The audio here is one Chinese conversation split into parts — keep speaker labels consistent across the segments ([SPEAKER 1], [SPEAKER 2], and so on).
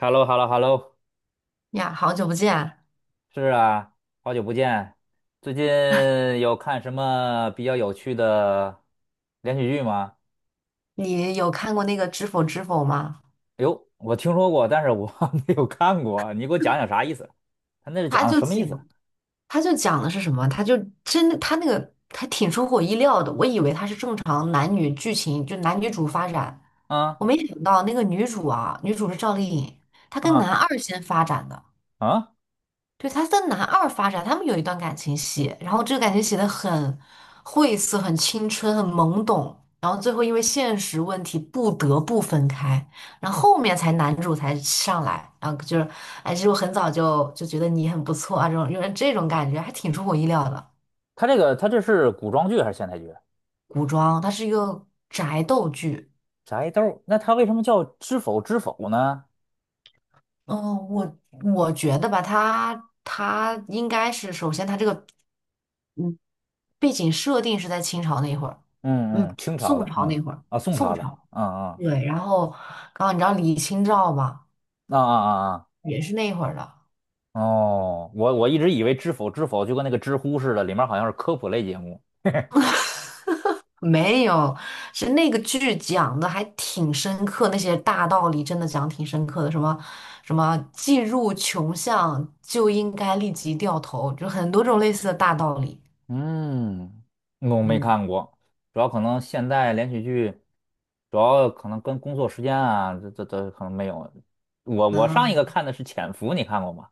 [SPEAKER 1] h e l l o h e l l o h e l l o
[SPEAKER 2] 呀，好久不见！
[SPEAKER 1] 是啊，好久不见。最近有看什么比较有趣的连续剧吗？
[SPEAKER 2] 你有看过那个《知否知否》吗？
[SPEAKER 1] 哎呦，我听说过，但是我 没有看过。你给我讲讲啥意思？他那是
[SPEAKER 2] 他
[SPEAKER 1] 讲的
[SPEAKER 2] 就
[SPEAKER 1] 什么意
[SPEAKER 2] 讲，
[SPEAKER 1] 思？
[SPEAKER 2] 他就讲的是什么？他就真的，他那个还挺出乎我意料的。我以为他是正常男女剧情，就男女主发展，
[SPEAKER 1] 啊
[SPEAKER 2] 我没想到那个女主啊，女主是赵丽颖，她跟男
[SPEAKER 1] 啊
[SPEAKER 2] 二先发展的。
[SPEAKER 1] 啊！
[SPEAKER 2] 对，他在男二发展，他们有一段感情戏，然后这个感情写的很晦涩、很青春、很懵懂，然后最后因为现实问题不得不分开，然后后面才男主才上来，然后就是，哎，其实我很早就觉得你很不错啊，这种有点这种感觉，还挺出我意料的。
[SPEAKER 1] 他这是古装剧还是现代剧？
[SPEAKER 2] 古装它是一个宅斗剧。
[SPEAKER 1] 宅斗儿那他为什么叫知否知否呢？
[SPEAKER 2] 嗯，我觉得吧，它应该是首先它这个嗯背景设定是在清朝那一会儿。嗯，
[SPEAKER 1] 嗯嗯，清朝
[SPEAKER 2] 宋
[SPEAKER 1] 的，
[SPEAKER 2] 朝那
[SPEAKER 1] 嗯
[SPEAKER 2] 会儿，
[SPEAKER 1] 啊，宋
[SPEAKER 2] 宋
[SPEAKER 1] 朝的，
[SPEAKER 2] 朝，
[SPEAKER 1] 嗯
[SPEAKER 2] 对，然后，刚后你知道李清照吧，
[SPEAKER 1] 嗯啊啊啊
[SPEAKER 2] 也是那会儿的，
[SPEAKER 1] 啊！哦，我一直以为知否知否就跟那个知乎似的，里面好像是科普类节目。
[SPEAKER 2] 没有，是那个剧讲的还挺深刻，那些大道理真的讲挺深刻的，什么既入穷巷就应该立即掉头，就很多种类似的大道理。
[SPEAKER 1] 嗯，我没
[SPEAKER 2] 嗯
[SPEAKER 1] 看过，主要可能现代连续剧，主要可能跟工作时间啊，这可能没有。我
[SPEAKER 2] 啊，
[SPEAKER 1] 上一个看的是《潜伏》，你看过吗？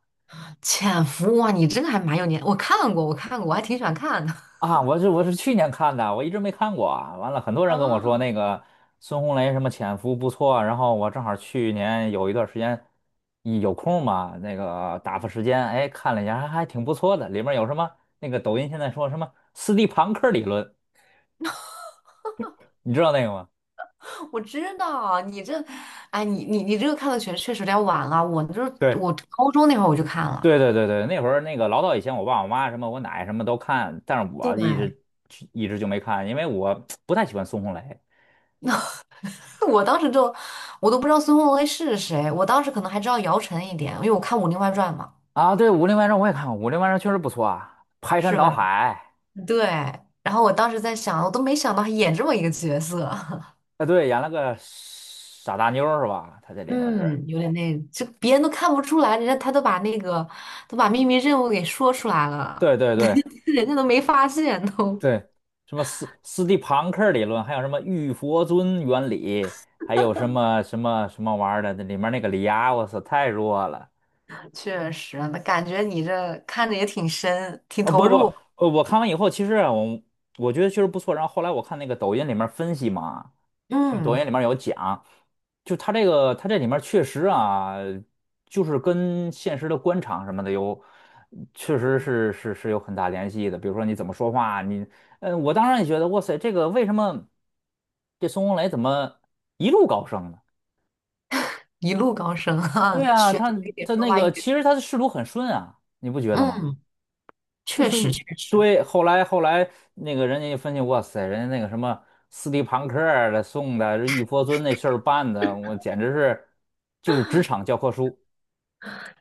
[SPEAKER 2] 潜伏哇，你这个还蛮有年，我看过，我看过，我还挺喜欢看的。
[SPEAKER 1] 啊，我是去年看的，我一直没看过啊。完了，很多人跟我说那
[SPEAKER 2] 啊？
[SPEAKER 1] 个孙红雷什么《潜伏》不错，然后我正好去年有一段时间一有空嘛，那个打发时间，哎，看了一下，还挺不错的。里面有什么那个抖音现在说什么斯蒂庞克理论，你知道那个吗？
[SPEAKER 2] 我知道你这，哎，你这个看的确确实有点晚了。我就是
[SPEAKER 1] 对。
[SPEAKER 2] 我高中那会儿我就看了，
[SPEAKER 1] 对对对对，那会儿那个老早以前，我爸我妈什么我奶什么都看，但是我一
[SPEAKER 2] 对，
[SPEAKER 1] 直一直就没看，因为我 不太喜欢孙红雷
[SPEAKER 2] 我当时就我都不知道孙红雷是谁，我当时可能还知道姚晨一点，因为我看《武林外传》嘛，
[SPEAKER 1] 啊。对，《武林外传》我也看过，《武林外传》确实不错啊，排山
[SPEAKER 2] 是
[SPEAKER 1] 倒
[SPEAKER 2] 吧？
[SPEAKER 1] 海
[SPEAKER 2] 对。然后我当时在想，我都没想到他演这么一个角色。
[SPEAKER 1] 啊，对，演了个傻大妞儿是吧？他这里面是，
[SPEAKER 2] 嗯，有点那，就别人都看不出来，人家他都把那个都把秘密任务给说出来了，
[SPEAKER 1] 对对对
[SPEAKER 2] 人家都没发现都。
[SPEAKER 1] 对，什么斯蒂庞克理论，还有什么玉佛尊原理，还有什么玩意儿的，那里面那个李涯，我操，太弱了。
[SPEAKER 2] 确实，那感觉你这看着也挺深，挺
[SPEAKER 1] 啊，
[SPEAKER 2] 投
[SPEAKER 1] 不不，
[SPEAKER 2] 入。
[SPEAKER 1] 我看完以后，其实啊我觉得确实不错。然后后来我看那个抖音里面分析嘛，就抖
[SPEAKER 2] 嗯，
[SPEAKER 1] 音里面有讲，就它这个它这里面确实啊，就是跟现实的官场什么的有，确实是有很大联系的。比如说你怎么说话，你，嗯，我当然也觉得，哇塞，这个为什么这孙红雷怎么一路高升呢？
[SPEAKER 2] 一路高升
[SPEAKER 1] 对
[SPEAKER 2] 啊。
[SPEAKER 1] 啊，
[SPEAKER 2] 学
[SPEAKER 1] 他
[SPEAKER 2] 一点
[SPEAKER 1] 他
[SPEAKER 2] 说
[SPEAKER 1] 那
[SPEAKER 2] 话一
[SPEAKER 1] 个其
[SPEAKER 2] 术。
[SPEAKER 1] 实他的仕途很顺啊，你不觉得吗？
[SPEAKER 2] 嗯，
[SPEAKER 1] 这
[SPEAKER 2] 确
[SPEAKER 1] 是
[SPEAKER 2] 实确实
[SPEAKER 1] 对。后来那个人家一分析，哇塞，人家那个什么斯蒂庞克儿的送的，这玉佛尊那事儿办的，我简直是就是职场教科书。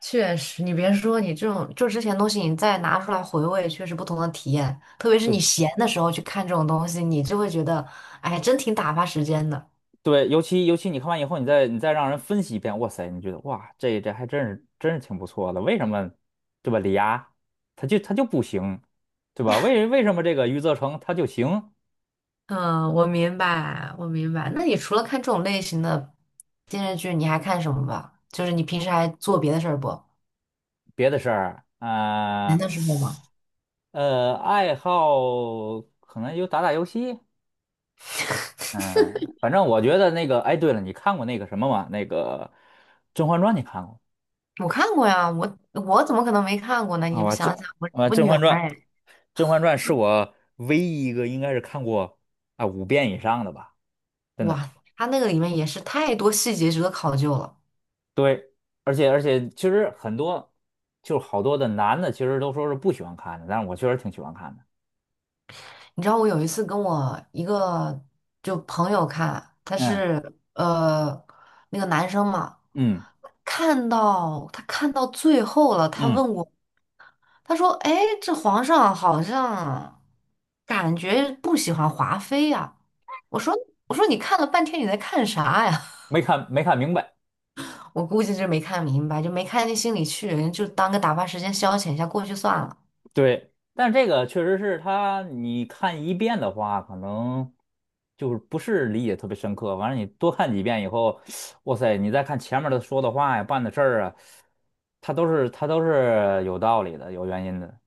[SPEAKER 2] 确实，你别说，你这种就之前东西，你再拿出来回味，确实不同的体验。特别是
[SPEAKER 1] 对
[SPEAKER 2] 你闲的时候去看这种东西，你就会觉得，哎，真挺打发时间的。
[SPEAKER 1] 对，尤其你看完以后，你再让人分析一遍，哇塞，你觉得哇，这还真是真是挺不错的。为什么对吧？李涯他就不行，对吧？为什么这个余则成他就行？
[SPEAKER 2] 嗯，我明白，我明白。那你除了看这种类型的电视剧，你还看什么吧？就是你平时还做别的事儿不？
[SPEAKER 1] 别的事儿
[SPEAKER 2] 闲
[SPEAKER 1] 啊，
[SPEAKER 2] 的时候吗？
[SPEAKER 1] 爱好可能就打打游戏，嗯，反正我觉得那个，哎，对了，你看过那个什么吗？那个《甄嬛传》，你看过
[SPEAKER 2] 我看过呀，我怎么可能没看过呢？
[SPEAKER 1] 啊？
[SPEAKER 2] 你不
[SPEAKER 1] 我甄
[SPEAKER 2] 想想，我
[SPEAKER 1] 啊，
[SPEAKER 2] 我
[SPEAKER 1] 《甄
[SPEAKER 2] 女孩
[SPEAKER 1] 嬛传》，
[SPEAKER 2] 儿哎，
[SPEAKER 1] 《甄嬛传》是我唯一一个应该是看过啊5遍以上的吧，真的。
[SPEAKER 2] 哇，她那个里面也是太多细节值得考究了。
[SPEAKER 1] 对，而且，其实就是好多的男的，其实都说是不喜欢看的，但是我确实挺喜欢看的。
[SPEAKER 2] 你知道我有一次跟我一个就朋友看，他
[SPEAKER 1] 嗯
[SPEAKER 2] 是那个男生嘛，
[SPEAKER 1] 嗯
[SPEAKER 2] 看到最后了，他
[SPEAKER 1] 嗯，
[SPEAKER 2] 问我，他说：“哎，这皇上好像感觉不喜欢华妃呀。”我说：“我说你看了半天你在看啥呀？”
[SPEAKER 1] 没看明白。
[SPEAKER 2] 我估计是没看明白，就没看进心里去，人就当个打发时间消遣一下过去算了。
[SPEAKER 1] 对，但这个确实是他，你看一遍的话，可能就是不是理解特别深刻。完了，你多看几遍以后，哇塞，你再看前面的说的话呀、办的事儿啊，他都是有道理的、有原因的。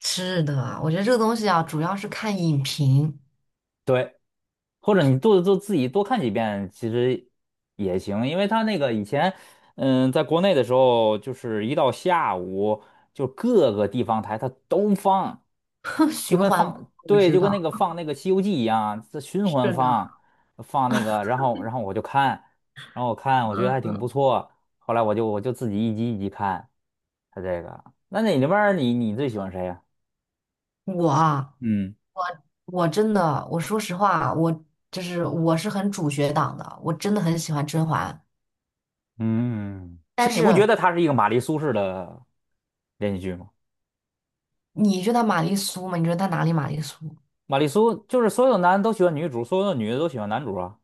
[SPEAKER 2] 是的，我觉得这个东西啊，主要是看影评。
[SPEAKER 1] 对。或者你自己多看几遍，其实也行，因为他那个以前，嗯，在国内的时候，就是一到下午，就各个地方台它都放，就
[SPEAKER 2] 循
[SPEAKER 1] 跟
[SPEAKER 2] 环播，
[SPEAKER 1] 放，
[SPEAKER 2] 我
[SPEAKER 1] 对，
[SPEAKER 2] 知
[SPEAKER 1] 就跟那
[SPEAKER 2] 道。
[SPEAKER 1] 个放那个《西游记》一样，这循
[SPEAKER 2] 是
[SPEAKER 1] 环
[SPEAKER 2] 的，
[SPEAKER 1] 放，放那个，然后我就看，然后我看，我觉得还挺不
[SPEAKER 2] 嗯
[SPEAKER 1] 错，后来我就自己一集一集看，他这个，那你那边儿你最喜欢谁呀？
[SPEAKER 2] 我啊，
[SPEAKER 1] 嗯。
[SPEAKER 2] 我真的，我说实话，我是很主角党的，我真的很喜欢甄嬛。
[SPEAKER 1] 嗯，其
[SPEAKER 2] 但
[SPEAKER 1] 实你
[SPEAKER 2] 是
[SPEAKER 1] 不觉得她是一个玛丽苏式的连续剧吗？
[SPEAKER 2] 你觉得她玛丽苏吗？你觉得她哪里玛丽苏？
[SPEAKER 1] 玛丽苏就是所有男的都喜欢女主，所有的女的都喜欢男主啊。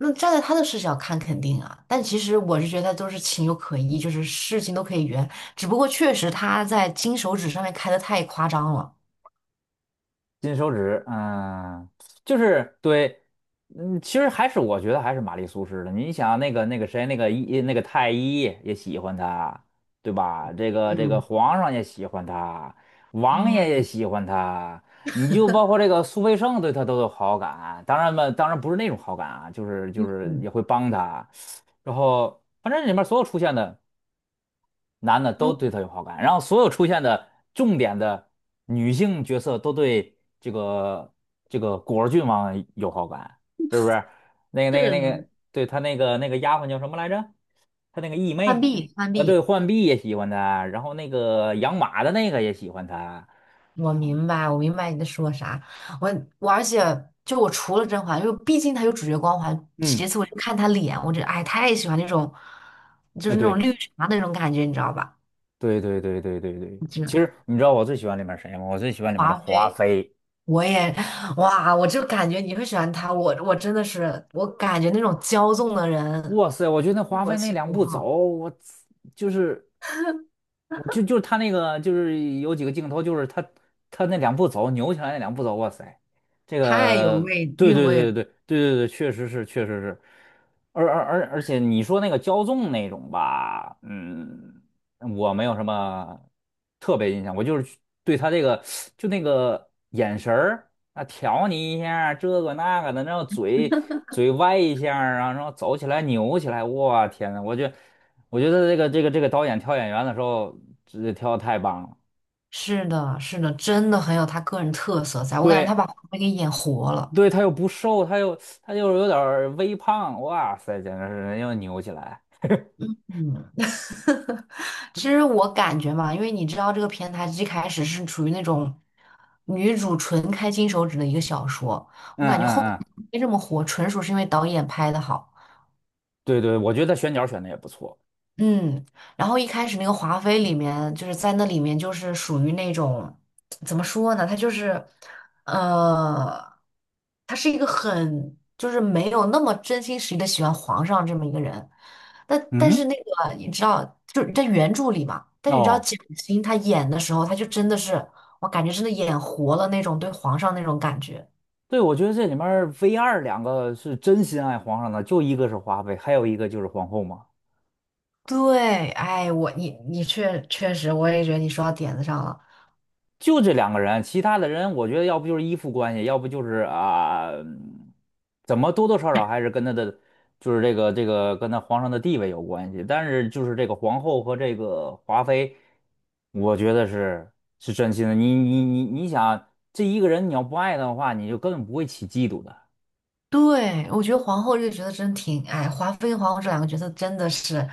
[SPEAKER 2] 那站在他的视角看，肯定啊，但其实我是觉得都是情有可依，就是事情都可以圆，只不过确实他在金手指上面开的太夸张了。
[SPEAKER 1] 金手指，嗯，就是对，嗯，其实还是我觉得还是玛丽苏式的。你想那个那个谁，那个一那个太医也喜欢她，对吧？这个
[SPEAKER 2] 嗯
[SPEAKER 1] 皇上也喜欢她，王爷也
[SPEAKER 2] 嗯
[SPEAKER 1] 喜欢她，你就包括这个苏培盛对她都有好感。当然嘛，当然不是那种好感啊，就是
[SPEAKER 2] 嗯
[SPEAKER 1] 也会帮她。然后反正里面所有出现的。男的
[SPEAKER 2] 嗯，
[SPEAKER 1] 都对她有好感，然后所有出现的重点的女性角色都对这个果儿郡王有好感，是不是？
[SPEAKER 2] 是的，
[SPEAKER 1] 对他那个丫鬟叫什么来着？他那个义
[SPEAKER 2] 浣
[SPEAKER 1] 妹，
[SPEAKER 2] 碧浣
[SPEAKER 1] 对，
[SPEAKER 2] 碧，
[SPEAKER 1] 浣碧也喜欢他，然后那个养马的那个也喜欢他。
[SPEAKER 2] 我明白，我明白你在说啥。我我而且我除了甄嬛，就毕竟她有主角光环，其
[SPEAKER 1] 嗯，
[SPEAKER 2] 次我就看她脸，我就哎太喜欢那种，就
[SPEAKER 1] 啊，
[SPEAKER 2] 是那种
[SPEAKER 1] 对
[SPEAKER 2] 绿茶的那种感觉，你知道吧？
[SPEAKER 1] 对对对对对对，
[SPEAKER 2] 就
[SPEAKER 1] 其
[SPEAKER 2] 是
[SPEAKER 1] 实你知道我最喜欢里面谁吗？我最喜欢里面的
[SPEAKER 2] 华
[SPEAKER 1] 华
[SPEAKER 2] 妃。
[SPEAKER 1] 妃。
[SPEAKER 2] 我也，哇，我就感觉你会喜欢他，我真的是，我感觉那种骄纵的人，
[SPEAKER 1] 哇塞，我觉得华
[SPEAKER 2] 我
[SPEAKER 1] 妃那
[SPEAKER 2] 心
[SPEAKER 1] 两
[SPEAKER 2] 不
[SPEAKER 1] 步走，
[SPEAKER 2] 好，
[SPEAKER 1] 我就是我就就是他那个，就是有几个镜头，就是他那两步走扭起来那两步走，哇塞，这
[SPEAKER 2] 太有
[SPEAKER 1] 个
[SPEAKER 2] 味
[SPEAKER 1] 对
[SPEAKER 2] 韵
[SPEAKER 1] 对
[SPEAKER 2] 味了。
[SPEAKER 1] 对对对对对，确实是确实是，而且你说那个骄纵那种吧，嗯。我没有什么特别印象，我就是去对他这个就那个眼神儿啊，挑你一下儿这个那个的，然后嘴歪一下儿啊，然后走起来扭起来，哇天呐，我觉得这个导演挑演员的时候，这挑的太棒了。
[SPEAKER 2] 是的，是的，真的很有他个人特色在，我感觉他
[SPEAKER 1] 对
[SPEAKER 2] 把黄梅给演活了。
[SPEAKER 1] 对，他又不瘦，他又有点儿微胖，哇塞，简直是人又扭起来。
[SPEAKER 2] 嗯，其实我感觉嘛，因为你知道这个片它一开始是处于那种女主纯开金手指的一个小说，
[SPEAKER 1] 嗯
[SPEAKER 2] 我感觉后
[SPEAKER 1] 嗯嗯，
[SPEAKER 2] 面没这么火，纯属是因为导演拍的好。
[SPEAKER 1] 对对，我觉得他选角选的也不错。
[SPEAKER 2] 嗯，然后一开始那个华妃里面，就是在那里面就是属于那种，怎么说呢？她就是，呃，她是一个很就是没有那么真心实意的喜欢皇上这么一个人。但是
[SPEAKER 1] 嗯，
[SPEAKER 2] 那个你知道，就是在原著里嘛，但是你知道
[SPEAKER 1] 哦。
[SPEAKER 2] 蒋欣她演的时候，她就真的是，我感觉真的演活了那种对皇上那种感觉。
[SPEAKER 1] 对，我觉得这里面儿 v 二两个是真心爱皇上的，就一个是华妃，还有一个就是皇后嘛，
[SPEAKER 2] 对，哎，我你你确确实，我也觉得你说到点子上了。
[SPEAKER 1] 就这两个人，其他的人我觉得要不就是依附关系，要不就是啊，嗯怎么多多少少还是跟他的就是这个跟他皇上的地位有关系，但是就是这个皇后和这个华妃，我觉得是真心的。你想，这一个人你要不爱他的话，你就根本不会起嫉妒的。
[SPEAKER 2] 对，我觉得皇后这个角色真挺，哎，华妃跟皇后这两个角色真的是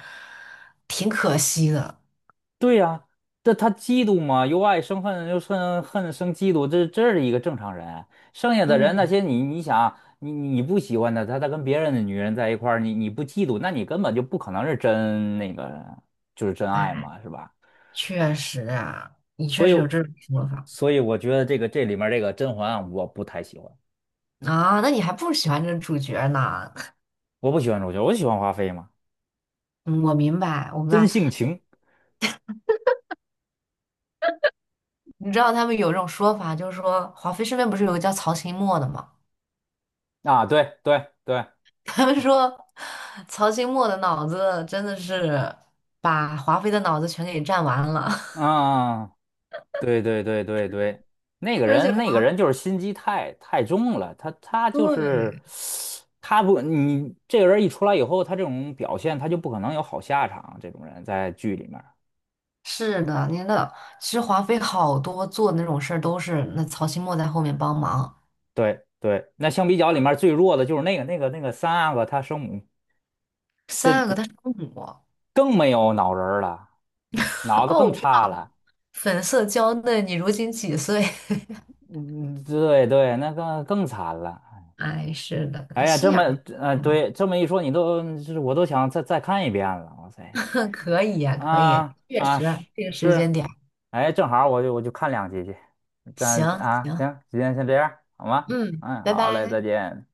[SPEAKER 2] 挺可惜的。
[SPEAKER 1] 对呀、这他嫉妒嘛，由爱生恨，由恨生嫉妒，这是一个正常人。剩下的人那
[SPEAKER 2] 嗯，
[SPEAKER 1] 些你想你不喜欢的，他跟别人的女人在一块儿，你不嫉妒，那你根本就不可能是真那个就是真爱
[SPEAKER 2] 哎，
[SPEAKER 1] 嘛，是吧？
[SPEAKER 2] 确实啊，你确
[SPEAKER 1] 所以
[SPEAKER 2] 实有这种说法
[SPEAKER 1] 所以我觉得这个这里面这个甄嬛啊我不太喜欢，
[SPEAKER 2] 啊，那你还不喜欢这个主角呢？
[SPEAKER 1] 我不喜欢主角，我喜欢华妃嘛，
[SPEAKER 2] 嗯我明白，我明
[SPEAKER 1] 真
[SPEAKER 2] 白。
[SPEAKER 1] 性情
[SPEAKER 2] 你知道他们有这种说法，就是说华妃身边不是有个叫曹琴墨的吗？
[SPEAKER 1] 啊，对对对，
[SPEAKER 2] 他们说曹琴墨的脑子真的是把华妃的脑子全给占完了，
[SPEAKER 1] 嗯。对对对对对，那 个
[SPEAKER 2] 而且
[SPEAKER 1] 人那个人就是心机太重了，他就
[SPEAKER 2] 对。
[SPEAKER 1] 是他不你这个人一出来以后，他这种表现他就不可能有好下场。这种人在剧里面儿
[SPEAKER 2] 是的，您的其实华妃好多做的那种事儿都是那曹新墨在后面帮忙。
[SPEAKER 1] 对对，那相比较里面最弱的就是那个三阿哥他生母
[SPEAKER 2] 三阿哥他是公母。
[SPEAKER 1] 更没有脑仁儿了，脑子
[SPEAKER 2] 哦，
[SPEAKER 1] 更
[SPEAKER 2] 我知
[SPEAKER 1] 差
[SPEAKER 2] 道，
[SPEAKER 1] 了，
[SPEAKER 2] 粉色娇嫩，你如今几岁？
[SPEAKER 1] 嗯，对对，那个更惨了。
[SPEAKER 2] 哎，是
[SPEAKER 1] 哎
[SPEAKER 2] 的，
[SPEAKER 1] 呀，
[SPEAKER 2] 心眼儿大嘛。
[SPEAKER 1] 对，这么一说，你都是我都想再看一遍了，哇塞。
[SPEAKER 2] 可以呀、可以，
[SPEAKER 1] 啊
[SPEAKER 2] 确
[SPEAKER 1] 啊
[SPEAKER 2] 实
[SPEAKER 1] 是
[SPEAKER 2] 这个时
[SPEAKER 1] 是，
[SPEAKER 2] 间点儿
[SPEAKER 1] 哎，正好我就看两集去，咱
[SPEAKER 2] 行
[SPEAKER 1] 啊
[SPEAKER 2] 行，
[SPEAKER 1] 行，今天先这样好吗？
[SPEAKER 2] 嗯，
[SPEAKER 1] 嗯，
[SPEAKER 2] 拜
[SPEAKER 1] 好嘞，再
[SPEAKER 2] 拜。
[SPEAKER 1] 见。